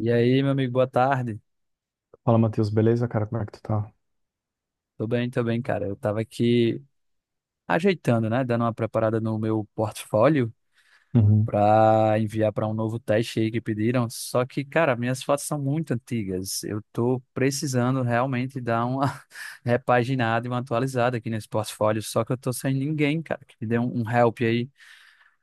E aí, meu amigo, boa tarde. Fala, Matheus, beleza, cara? Como é que tu tá? Tô bem, cara. Eu tava aqui ajeitando, né? Dando uma preparada no meu portfólio Uhum. pra enviar pra um novo teste aí que pediram. Só que, cara, minhas fotos são muito antigas. Eu tô precisando realmente dar uma repaginada e uma atualizada aqui nesse portfólio. Só que eu tô sem ninguém, cara, que me dê um help aí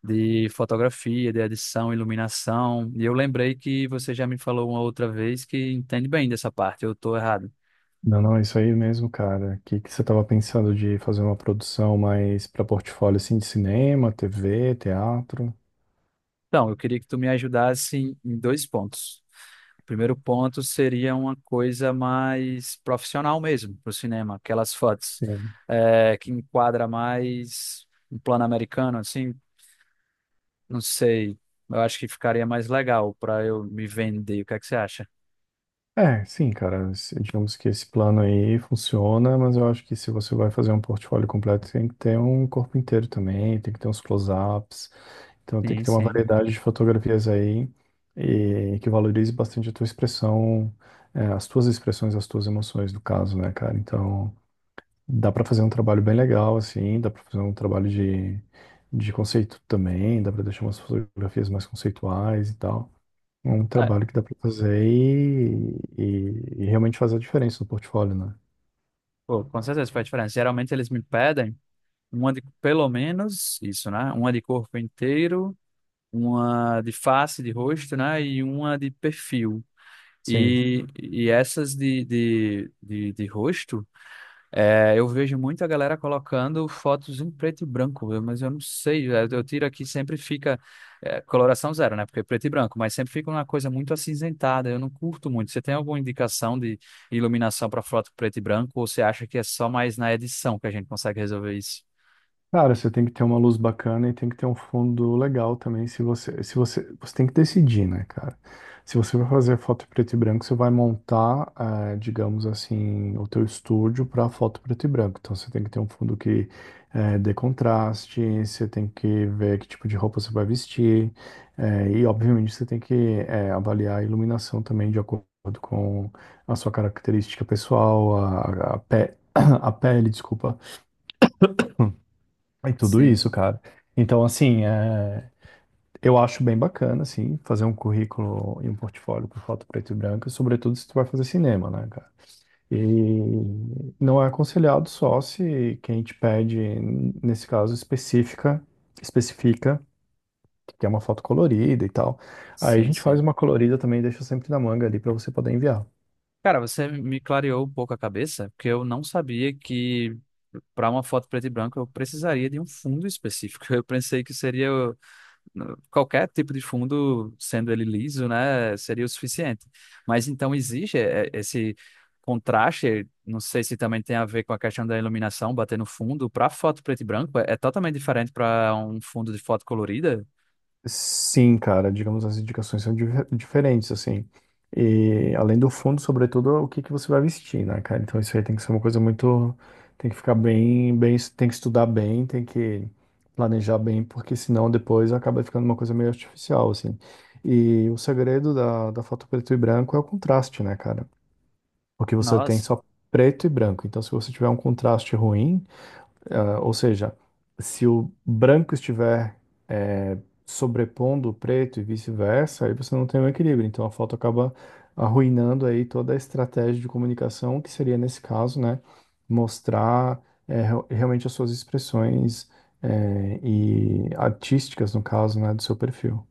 de fotografia, de edição, iluminação. E eu lembrei que você já me falou uma outra vez que entende bem dessa parte. Eu tô errado. Não, não, é isso aí mesmo, cara. O que que você tava pensando de fazer uma produção mais pra portfólio assim de cinema, TV, teatro? Então, eu queria que tu me ajudasse em dois pontos. O primeiro ponto seria uma coisa mais profissional mesmo para o cinema, aquelas fotos Sim. Que enquadra mais um plano americano, assim, não sei, eu acho que ficaria mais legal para eu me vender. O que é que você acha? É, sim, cara. Digamos que esse plano aí funciona, mas eu acho que se você vai fazer um portfólio completo, tem que ter um corpo inteiro também, tem que ter uns close-ups, então tem que Sim, ter uma sim. variedade de fotografias aí e que valorize bastante a tua expressão, as tuas expressões, as tuas emoções, no caso, né, cara? Então. Dá para fazer um trabalho bem legal, assim, dá para fazer um trabalho de conceito também, dá para deixar umas fotografias mais conceituais e tal. É um Ah, trabalho que dá para fazer e realmente fazer a diferença no portfólio, né? pô, com certeza faz diferença. Geralmente eles me pedem uma de pelo menos isso, né? Uma de corpo inteiro, uma de face, de rosto, né? E uma de perfil. Sim. E essas de rosto, é, eu vejo muito a galera colocando fotos em preto e branco, eu- mas eu não sei, eu tiro aqui sempre fica é, coloração zero, né? Porque é preto e branco, mas sempre fica uma coisa muito acinzentada, eu não curto muito. Você tem alguma indicação de iluminação para foto preto e branco, ou você acha que é só mais na edição que a gente consegue resolver isso? Cara, você tem que ter uma luz bacana e tem que ter um fundo legal também. Se você, se você, você tem que decidir, né, cara? Se você vai fazer foto preto e branco, você vai montar, digamos assim, o teu estúdio para foto preto e branco. Então você tem que ter um fundo que dê contraste, você tem que ver que tipo de roupa você vai vestir, e obviamente você tem que avaliar a iluminação também de acordo com a sua característica pessoal, a pele, desculpa e tudo isso, Sim, cara. Então, assim, eu acho bem bacana, assim, fazer um currículo e um portfólio com foto preto e branco, sobretudo se tu vai fazer cinema, né, cara? E não é aconselhado só se quem te pede, nesse caso, específica, especifica que é uma foto colorida e tal. Aí a sim, gente faz sim. uma colorida também e deixa sempre na manga ali pra você poder enviar. Cara, você me clareou um pouco a cabeça, porque eu não sabia que para uma foto preto e branco eu precisaria de um fundo específico. Eu pensei que seria qualquer tipo de fundo, sendo ele liso, né, seria o suficiente. Mas então existe esse contraste, não sei se também tem a ver com a questão da iluminação bater no fundo. Para foto preto e branco é totalmente diferente para um fundo de foto colorida. Sim, cara, digamos as indicações são diferentes, assim. E além do fundo, sobretudo, o que que você vai vestir, né, cara? Então isso aí tem que ser uma coisa muito. Tem que ficar bem, bem, tem que estudar bem, tem que planejar bem, porque senão depois acaba ficando uma coisa meio artificial, assim. E o segredo da foto preto e branco é o contraste, né, cara? Porque você tem Nossa. só preto e branco. Então, se você tiver um contraste ruim, ou seja, se o branco estiver eh, sobrepondo o preto e vice-versa, aí você não tem um equilíbrio. Então a foto acaba arruinando aí toda a estratégia de comunicação, que seria nesse caso, né, mostrar realmente as suas expressões e artísticas, no caso, né, do seu perfil.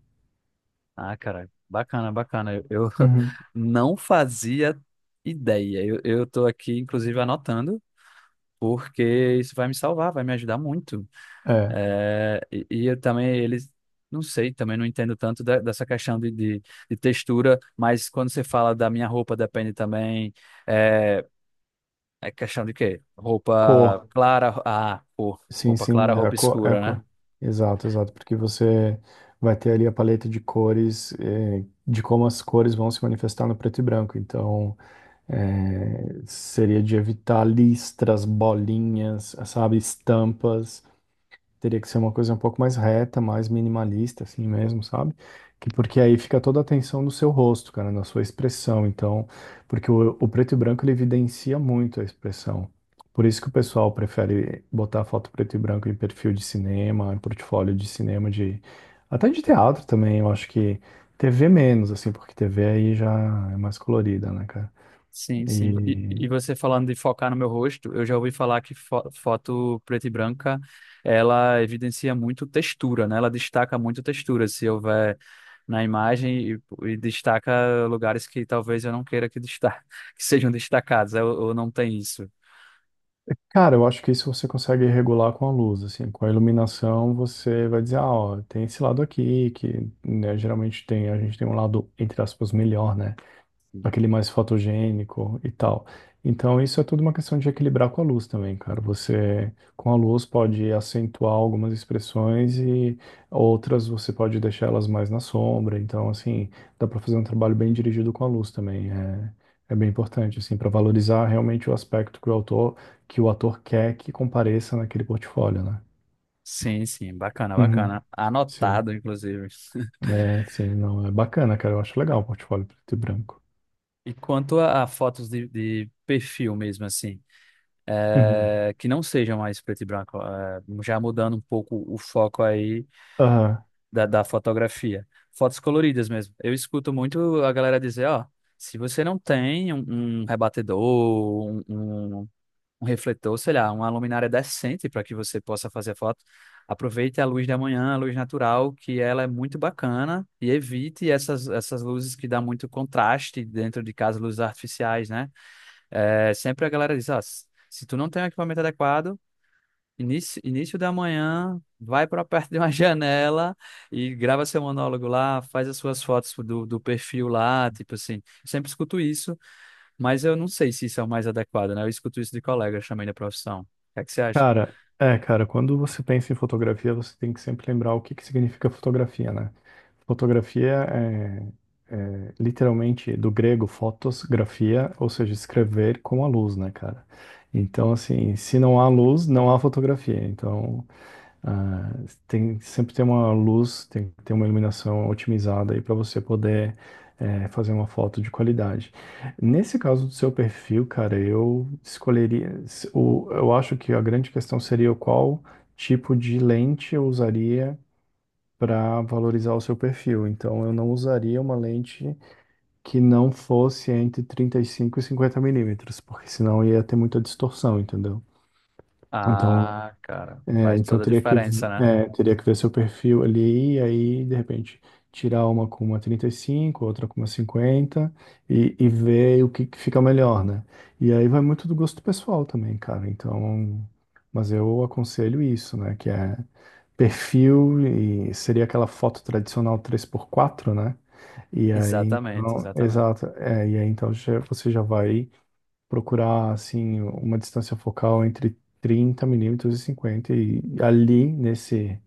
Ah, cara, bacana, bacana. Eu Uhum. não fazia ideia. Eu tô aqui, inclusive, anotando, porque isso vai me salvar, vai me ajudar muito. É, É, e eu também, eles, não sei, também não entendo tanto da- dessa questão de textura, mas quando você fala da minha roupa, depende também. É, é questão de quê? Roupa cor. clara, ah, cor. Sim, Roupa sim, clara, é a roupa cor, é a escura, né? cor. Exato, exato, porque você vai ter ali a paleta de cores, de como as cores vão se manifestar no preto e branco. Então, seria de evitar listras, bolinhas, sabe, estampas. Teria que ser uma coisa um pouco mais reta, mais minimalista, assim mesmo, sabe? Que porque aí fica toda a atenção no seu rosto, cara, na sua expressão. Então, porque o preto e branco ele evidencia muito a expressão. Por isso que o pessoal prefere botar foto preto e branco em perfil de cinema, em portfólio de cinema, de até de teatro também. Eu acho que TV menos, assim, porque TV aí já é mais colorida, né, cara? Sim, sim. E, E você falando de focar no meu rosto, eu já ouvi falar que fo- foto preta e branca, ela evidencia muito textura, né? Ela destaca muito textura, se houver na imagem e destaca lugares que talvez eu não queira que, desta que sejam destacados, eu não tenho isso. cara, eu acho que isso você consegue regular com a luz, assim, com a iluminação você vai dizer, ah, ó, tem esse lado aqui, que né, geralmente tem, a gente tem um lado, entre aspas, melhor, né? Aquele mais fotogênico e tal. Então, isso é tudo uma questão de equilibrar com a luz também, cara. Você, com a luz, pode acentuar algumas expressões e outras você pode deixar elas mais na sombra. Então, assim, dá para fazer um trabalho bem dirigido com a luz também. É, é bem importante, assim, para valorizar realmente o aspecto que o autor, que o ator quer que compareça naquele portfólio, né? Sim, sim, bacana, Uhum. bacana. Sim, Anotado, inclusive. é, sim, não, é bacana, cara. Eu acho legal o portfólio preto e branco. E quanto a fotos de perfil mesmo, assim, Uhum. Que não sejam mais preto e branco, já mudando um pouco o foco aí, da, da fotografia. Fotos coloridas mesmo. Eu escuto muito a galera dizer, ó, se você não tem um rebatedor, um- um refletor, sei lá, uma luminária decente para que você possa fazer foto, aproveite a luz da manhã, a luz natural, que ela é muito bacana e evite essas luzes que dá muito contraste dentro de casa, luzes artificiais, né? É, sempre a galera diz, ó, se tu não tem um equipamento adequado, início, início da manhã, vai para perto de uma janela e grava seu monólogo lá, faz as suas fotos do, do perfil lá, tipo assim. Sempre escuto isso, mas eu não sei se isso é o mais adequado, né? Eu escuto isso de colegas também da profissão. O que é que você acha? Cara, é, cara, quando você pensa em fotografia, você tem que sempre lembrar o que que significa fotografia, né? Fotografia é literalmente do grego fotos, grafia, ou seja, escrever com a luz, né, cara? Então, assim, se não há luz, não há fotografia. Então, ah, tem sempre ter uma luz, tem que ter uma iluminação otimizada aí para você poder fazer uma foto de qualidade. Nesse caso do seu perfil, cara, eu escolheria. Eu acho que a grande questão seria qual tipo de lente eu usaria para valorizar o seu perfil. Então, eu não usaria uma lente que não fosse entre 35 e 50 mm, porque senão ia ter muita distorção, entendeu? Então, Ah, cara, faz então toda a teria que, diferença, né? Teria que ver seu perfil ali, e aí, de repente, tirar uma com uma 35 outra com uma 50 e ver o que que fica melhor, né? E aí vai muito do gosto pessoal também, cara. Então, mas eu aconselho isso, né? Que é perfil, e seria aquela foto tradicional 3x4, né? E aí, Exatamente, então, exatamente. exato. É, e aí, então, você já vai procurar assim uma distância focal entre 30 mm e 50 e ali nesse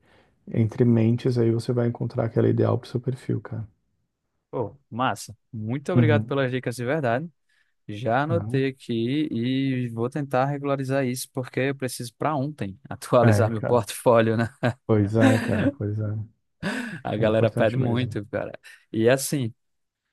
entre mentes aí você vai encontrar aquela ideal pro seu perfil, cara. Pô, massa. Muito obrigado Uhum. pelas dicas de verdade. Já Ah, anotei aqui e vou tentar regularizar isso, porque eu preciso para ontem atualizar é, meu cara. portfólio, né? Pois é, cara, pois é. A É galera pede importante mesmo. muito, cara. E assim,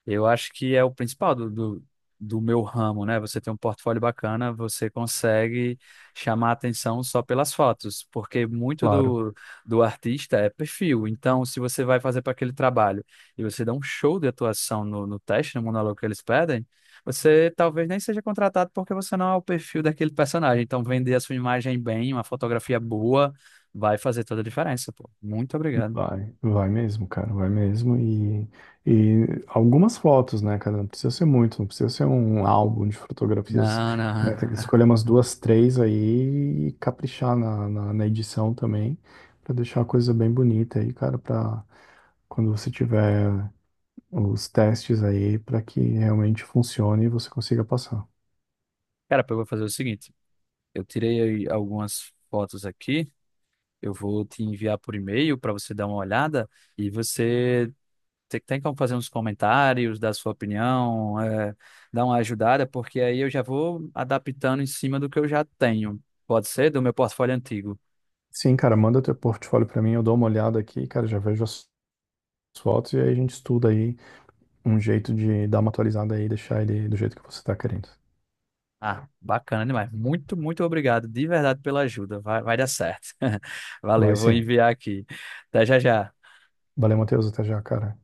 eu acho que é o principal do meu ramo, né? Você tem um portfólio bacana, você consegue chamar a atenção só pelas fotos, porque muito Claro. do, do artista é perfil. Então, se você vai fazer para aquele trabalho e você dá um show de atuação no, no teste, no monólogo que eles pedem, você talvez nem seja contratado porque você não é o perfil daquele personagem. Então, vender a sua imagem bem, uma fotografia boa, vai fazer toda a diferença, pô. Muito obrigado. Vai, vai mesmo, cara, vai mesmo. E algumas fotos, né, cara? Não precisa ser muito, não precisa ser um álbum de fotografias, Não, né? não. Tem que escolher umas duas, três aí e caprichar na edição também, pra deixar a coisa bem bonita aí, cara, pra quando você tiver os testes aí, pra que realmente funcione e você consiga passar. Cara, eu vou fazer o seguinte: eu tirei aí algumas fotos aqui, eu vou te enviar por e-mail para você dar uma olhada e você te- tem como fazer uns comentários, dar sua opinião, é, dar uma ajudada, porque aí eu já vou adaptando em cima do que eu já tenho. Pode ser do meu portfólio antigo. Sim, cara, manda teu portfólio pra mim, eu dou uma olhada aqui, cara, já vejo as fotos e aí a gente estuda aí. Um jeito de dar uma atualizada aí e deixar ele do jeito que você tá querendo. Ah, bacana demais. Muito, muito obrigado de verdade pela ajuda. Vai, vai dar certo. Vai Valeu, vou sim. enviar aqui. Até já já. Valeu, Matheus. Até já, cara.